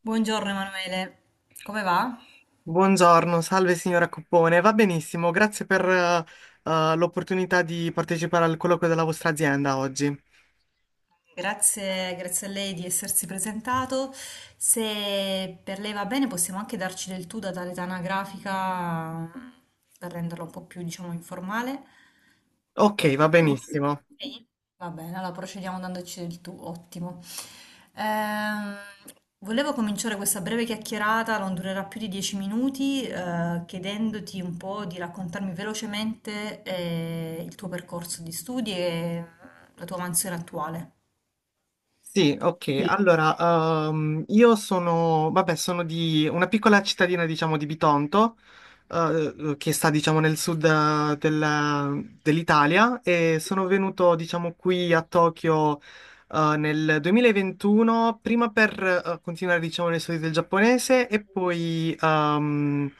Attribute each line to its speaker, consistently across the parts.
Speaker 1: Buongiorno Emanuele, come va?
Speaker 2: Buongiorno, salve signora Coppone, va benissimo, grazie per l'opportunità di partecipare al colloquio della vostra azienda oggi.
Speaker 1: Grazie, grazie a lei di essersi presentato. Se per lei va bene, possiamo anche darci del tu da tale anagrafica per renderla un po' più, diciamo, informale.
Speaker 2: Ok, va benissimo.
Speaker 1: Sì. Va bene, allora procediamo dandoci del tu, ottimo. Ehm, volevo cominciare questa breve chiacchierata, non durerà più di 10 minuti, chiedendoti un po' di raccontarmi velocemente, il tuo percorso di studi e la tua mansione attuale.
Speaker 2: Sì, ok. Allora, io sono, vabbè, sono di una piccola cittadina, diciamo, di Bitonto, che sta, diciamo, nel sud dell'Italia e sono venuto, diciamo, qui a Tokyo, nel 2021, prima per, continuare, diciamo, le studi del giapponese e poi,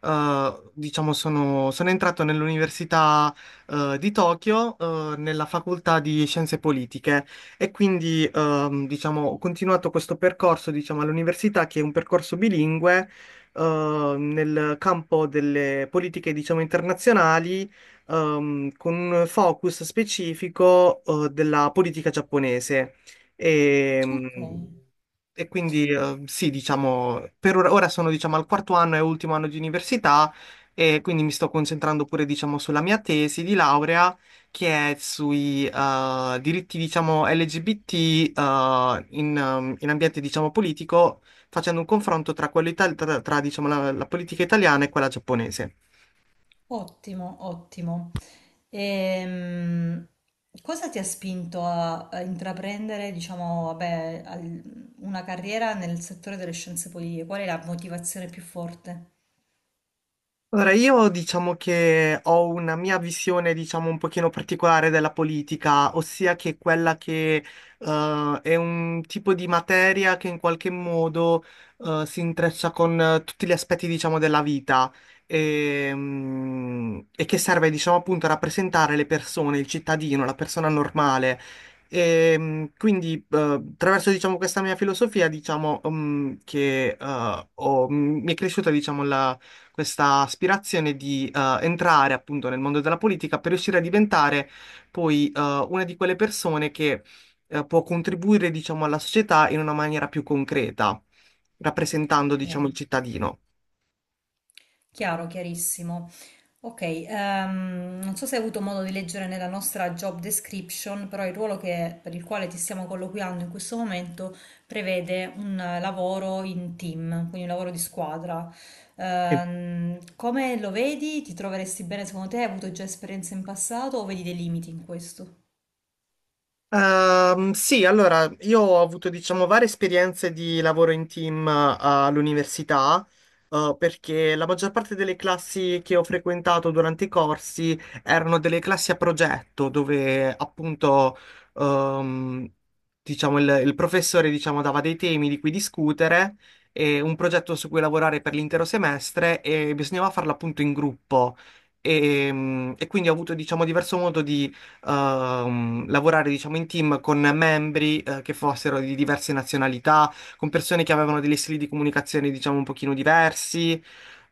Speaker 2: diciamo, sono entrato nell'università, di Tokyo, nella facoltà di scienze politiche. E quindi, diciamo, ho continuato questo percorso, diciamo, all'università, che è un percorso bilingue, nel campo delle politiche, diciamo, internazionali, con un focus specifico, della politica giapponese. E,
Speaker 1: Ok,
Speaker 2: e quindi sì, diciamo, ora sono diciamo al quarto anno e ultimo anno di università e quindi mi sto concentrando pure diciamo sulla mia tesi di laurea che è sui diritti diciamo LGBT in ambiente diciamo politico facendo un confronto tra, diciamo, la politica italiana e quella giapponese.
Speaker 1: ottimo, ottimo. Ehm, cosa ti ha spinto a intraprendere, diciamo, vabbè, una carriera nel settore delle scienze politiche? Qual è la motivazione più forte?
Speaker 2: Allora, io diciamo che ho una mia visione, diciamo, un pochino particolare della politica, ossia che quella che è un tipo di materia che in qualche modo si intreccia con tutti gli aspetti, diciamo, della vita e che serve, diciamo, appunto a rappresentare le persone, il cittadino, la persona normale. E, quindi, attraverso, diciamo, questa mia filosofia, diciamo, che mi è cresciuta, diciamo, questa aspirazione di entrare appunto nel mondo della politica per riuscire a diventare poi una di quelle persone che può contribuire, diciamo, alla società in una maniera più concreta, rappresentando,
Speaker 1: Ok,
Speaker 2: diciamo, il cittadino.
Speaker 1: chiaro, chiarissimo. Ok, non so se hai avuto modo di leggere nella nostra job description, però il ruolo per il quale ti stiamo colloquiando in questo momento prevede un lavoro in team, quindi un lavoro di squadra. Come lo vedi? Ti troveresti bene secondo te? Hai avuto già esperienze in passato o vedi dei limiti in questo?
Speaker 2: Sì, allora io ho avuto diciamo varie esperienze di lavoro in team all'università, perché la maggior parte delle classi che ho frequentato durante i corsi erano delle classi a progetto, dove appunto ehm, diciamo, il professore diciamo, dava dei temi di cui discutere e un progetto su cui lavorare per l'intero semestre e bisognava farlo appunto in gruppo. E quindi ho avuto diciamo diverso modo di lavorare, diciamo, in team con membri, che fossero di diverse nazionalità, con persone che avevano degli stili di comunicazione, diciamo, un pochino diversi.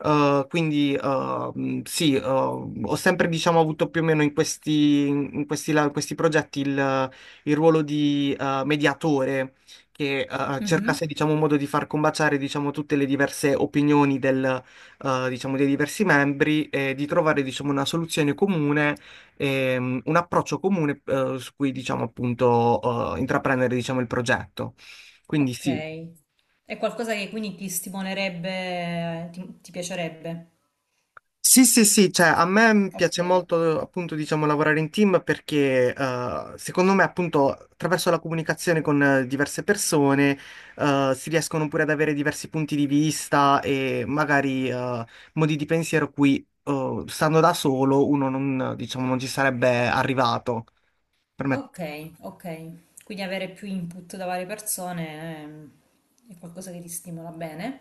Speaker 2: Quindi sì, ho sempre diciamo, avuto più o meno in questi progetti il ruolo di mediatore che
Speaker 1: Mhm.
Speaker 2: cercasse diciamo, un modo di far combaciare diciamo, tutte le diverse opinioni diciamo, dei diversi membri e di trovare diciamo, una soluzione comune un approccio comune su cui, diciamo, appunto, intraprendere, diciamo, il progetto. Quindi
Speaker 1: Ok,
Speaker 2: sì.
Speaker 1: è qualcosa che quindi ti stimolerebbe, ti piacerebbe?
Speaker 2: Sì, sì, sì, cioè a me piace
Speaker 1: Ok.
Speaker 2: molto appunto diciamo lavorare in team perché secondo me appunto attraverso la comunicazione con diverse persone si riescono pure ad avere diversi punti di vista e magari modi di pensiero cui stando da solo uno non, diciamo, non ci sarebbe arrivato. Per me.
Speaker 1: Ok, ok. Quindi avere più input da varie persone è qualcosa che ti stimola bene.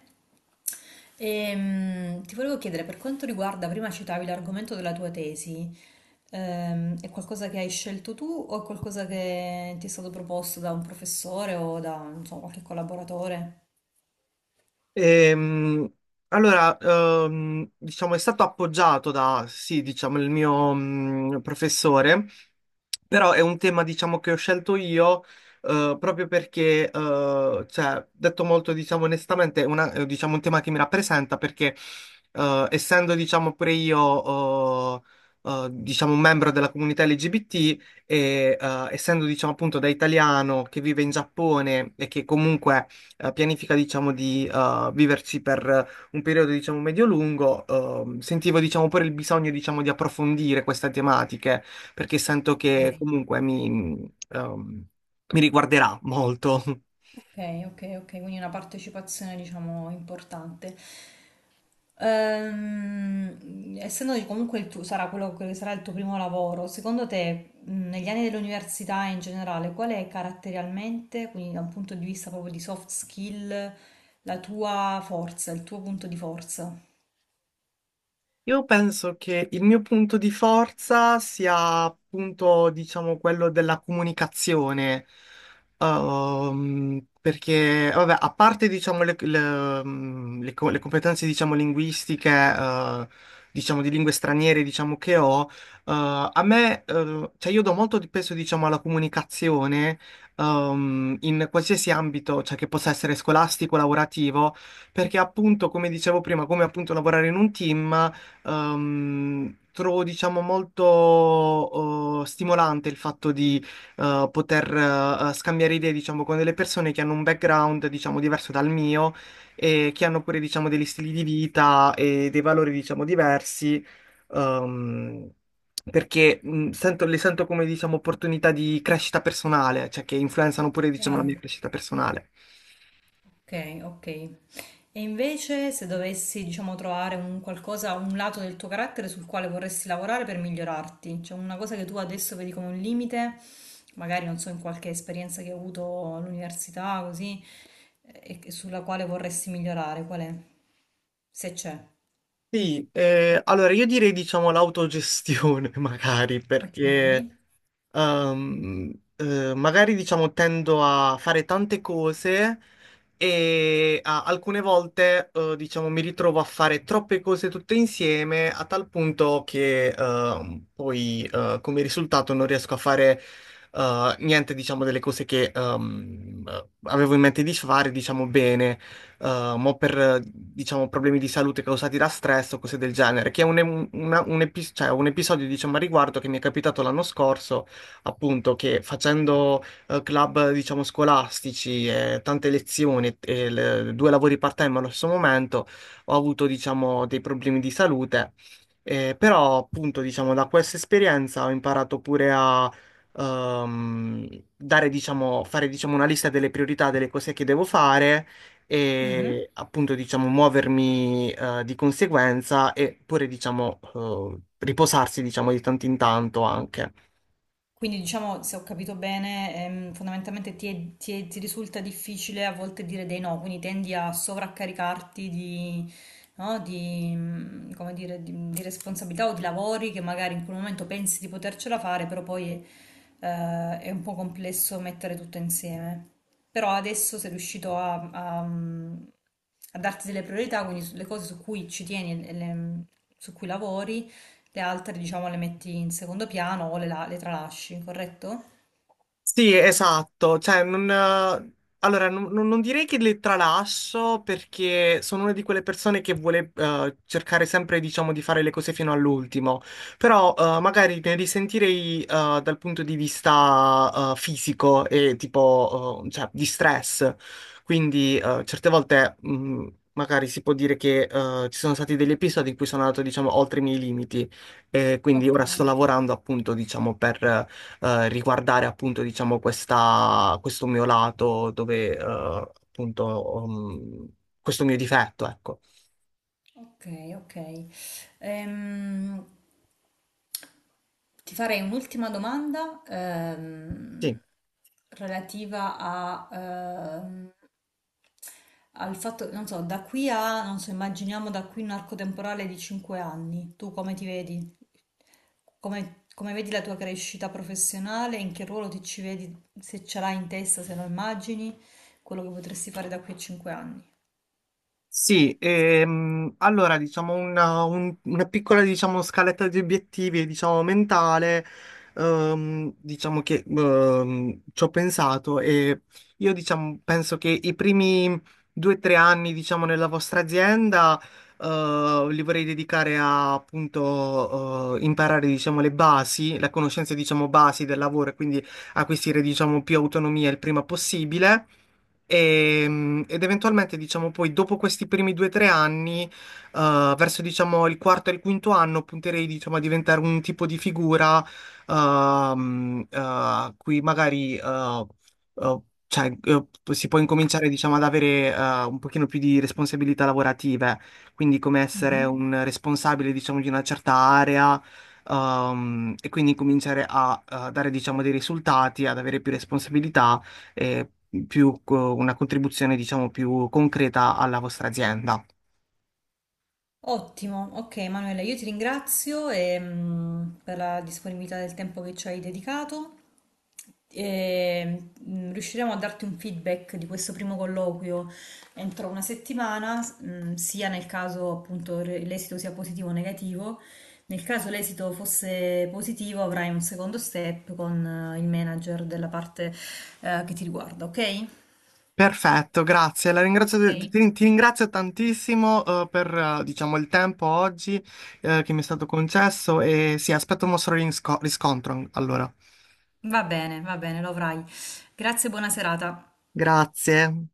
Speaker 1: Ti volevo chiedere, per quanto riguarda, prima citavi l'argomento della tua tesi, è qualcosa che hai scelto tu o è qualcosa che ti è stato proposto da un professore o da, non so, qualche collaboratore?
Speaker 2: Ehm, allora, diciamo, è stato appoggiato da, sì, diciamo, il mio professore, però è un tema, diciamo, che ho scelto io proprio perché, cioè, detto molto, diciamo, onestamente, è, diciamo, un tema che mi rappresenta perché, essendo, diciamo, pure io, diciamo, un membro della comunità LGBT, e essendo diciamo appunto da italiano che vive in Giappone e che comunque pianifica, diciamo, di viverci per un periodo, diciamo, medio-lungo, sentivo, diciamo, pure il bisogno, diciamo, di approfondire queste tematiche, perché sento che
Speaker 1: Ok.
Speaker 2: comunque mi riguarderà molto.
Speaker 1: Ok, ok, ok, quindi una partecipazione diciamo importante. Essendo che comunque il tuo, sarà quello che sarà il tuo primo lavoro, secondo te negli anni dell'università in generale, qual è caratterialmente, quindi da un punto di vista proprio di soft skill, la tua forza, il tuo punto di forza?
Speaker 2: Io penso che il mio punto di forza sia appunto, diciamo, quello della comunicazione. Perché, vabbè, a parte, diciamo, le competenze, diciamo, linguistiche, diciamo, di lingue straniere, diciamo, che ho, a me, cioè, io do molto di peso, diciamo, alla comunicazione, in qualsiasi ambito, cioè, che possa essere scolastico, lavorativo, perché appunto, come dicevo prima, come appunto lavorare in un team, trovo, diciamo, molto stimolante il fatto di poter scambiare idee, diciamo, con delle persone che hanno un background, diciamo, diverso dal mio e che hanno pure, diciamo, degli stili di vita e dei valori, diciamo, diversi. ehm, Perché le sento come, diciamo, opportunità di crescita personale, cioè che influenzano pure, diciamo, la
Speaker 1: Chiaro?
Speaker 2: mia crescita personale.
Speaker 1: Ok, ok. E invece, se dovessi, diciamo, trovare un qualcosa, un lato del tuo carattere sul quale vorresti lavorare per migliorarti, cioè una cosa che tu adesso vedi come un limite, magari non so, in qualche esperienza che hai avuto all'università, così, e sulla quale vorresti migliorare, qual è? Se c'è.
Speaker 2: Sì, allora io direi diciamo l'autogestione magari
Speaker 1: Ok.
Speaker 2: perché Ehm, magari diciamo tendo a fare tante cose e alcune volte diciamo mi ritrovo a fare troppe cose tutte insieme a tal punto che poi come risultato non riesco a fare niente diciamo delle cose che avevo in mente di fare diciamo bene mo per diciamo problemi di salute causati da stress o cose del genere che è un, una- un epis- cioè, un episodio diciamo a riguardo che mi è capitato l'anno scorso appunto che facendo club, diciamo, scolastici e tante lezioni e due lavori part-time allo stesso momento, ho avuto, diciamo, dei problemi di salute. Però, appunto, diciamo, da questa esperienza ho imparato pure a ehm, dare, diciamo, fare, diciamo, una lista delle priorità delle cose che devo fare
Speaker 1: Mhm.
Speaker 2: e appunto diciamo muovermi di conseguenza e pure diciamo riposarsi diciamo di tanto in tanto anche.
Speaker 1: Quindi diciamo, se ho capito bene, fondamentalmente ti risulta difficile a volte dire dei no, quindi tendi a sovraccaricarti no, come dire, di responsabilità o di lavori che magari in quel momento pensi di potercela fare, però poi è un po' complesso mettere tutto insieme. Però adesso sei riuscito a darti delle priorità, quindi le cose su cui ci tieni e su cui lavori le altre, diciamo, le metti in secondo piano o le tralasci, corretto?
Speaker 2: Sì, esatto, cioè non, allora, non direi che le tralasso perché sono una di quelle persone che vuole cercare sempre, diciamo, di fare le cose fino all'ultimo, però magari ne risentirei dal punto di vista fisico e tipo, cioè, di stress, quindi certe volte magari si può dire che ci sono stati degli episodi in cui sono andato, diciamo, oltre i miei limiti e quindi
Speaker 1: Ok.
Speaker 2: ora sto lavorando appunto, diciamo, per riguardare appunto, diciamo, questo mio lato dove, appunto, questo mio difetto, ecco.
Speaker 1: Ok, ok. Ehm, ti farei un'ultima domanda
Speaker 2: Sì.
Speaker 1: relativa al fatto, non so, da qui a, non so, immaginiamo da qui un arco temporale di 5 anni. Tu come ti vedi? Come vedi la tua crescita professionale? In che ruolo ti ci vedi? Se ce l'hai in testa, se lo immagini, quello che potresti fare da qui a 5 anni.
Speaker 2: Sì, allora diciamo una piccola diciamo, scaletta di obiettivi diciamo, mentale, diciamo che ci ho pensato e io diciamo, penso che i primi 2 o 3 anni diciamo, nella vostra azienda li vorrei dedicare a appunto imparare diciamo, le basi, la conoscenza diciamo, basi del lavoro e quindi acquisire diciamo, più autonomia il prima possibile. Ed eventualmente, diciamo, poi dopo questi primi 2 o 3 anni, verso, diciamo, il quarto e il quinto anno, punterei, diciamo, a diventare un tipo di figura a cui magari eh, cioè, si può incominciare, diciamo, ad avere un pochino più di responsabilità lavorative, quindi come essere
Speaker 1: Mhm.
Speaker 2: un responsabile, diciamo, di una certa area. E quindi cominciare a, dare, diciamo, dei risultati, ad avere più responsabilità eh, una contribuzione, diciamo, più concreta alla vostra azienda.
Speaker 1: Ottimo, ok Manuela, io ti ringrazio per la disponibilità del tempo che ci hai dedicato e riusciremo a darti un feedback di questo primo colloquio entro una settimana, sia nel caso appunto l'esito sia positivo o negativo. Nel caso l'esito fosse positivo avrai un secondo step con il manager della parte che ti riguarda, ok?
Speaker 2: Perfetto, grazie. La ringrazio-
Speaker 1: Ok?
Speaker 2: ti, ti ringrazio tantissimo, per, diciamo, il tempo oggi, che mi è stato concesso e sì, aspetto un vostro riscontro. Allora,
Speaker 1: Va bene, lo avrai. Grazie, e buona serata.
Speaker 2: grazie.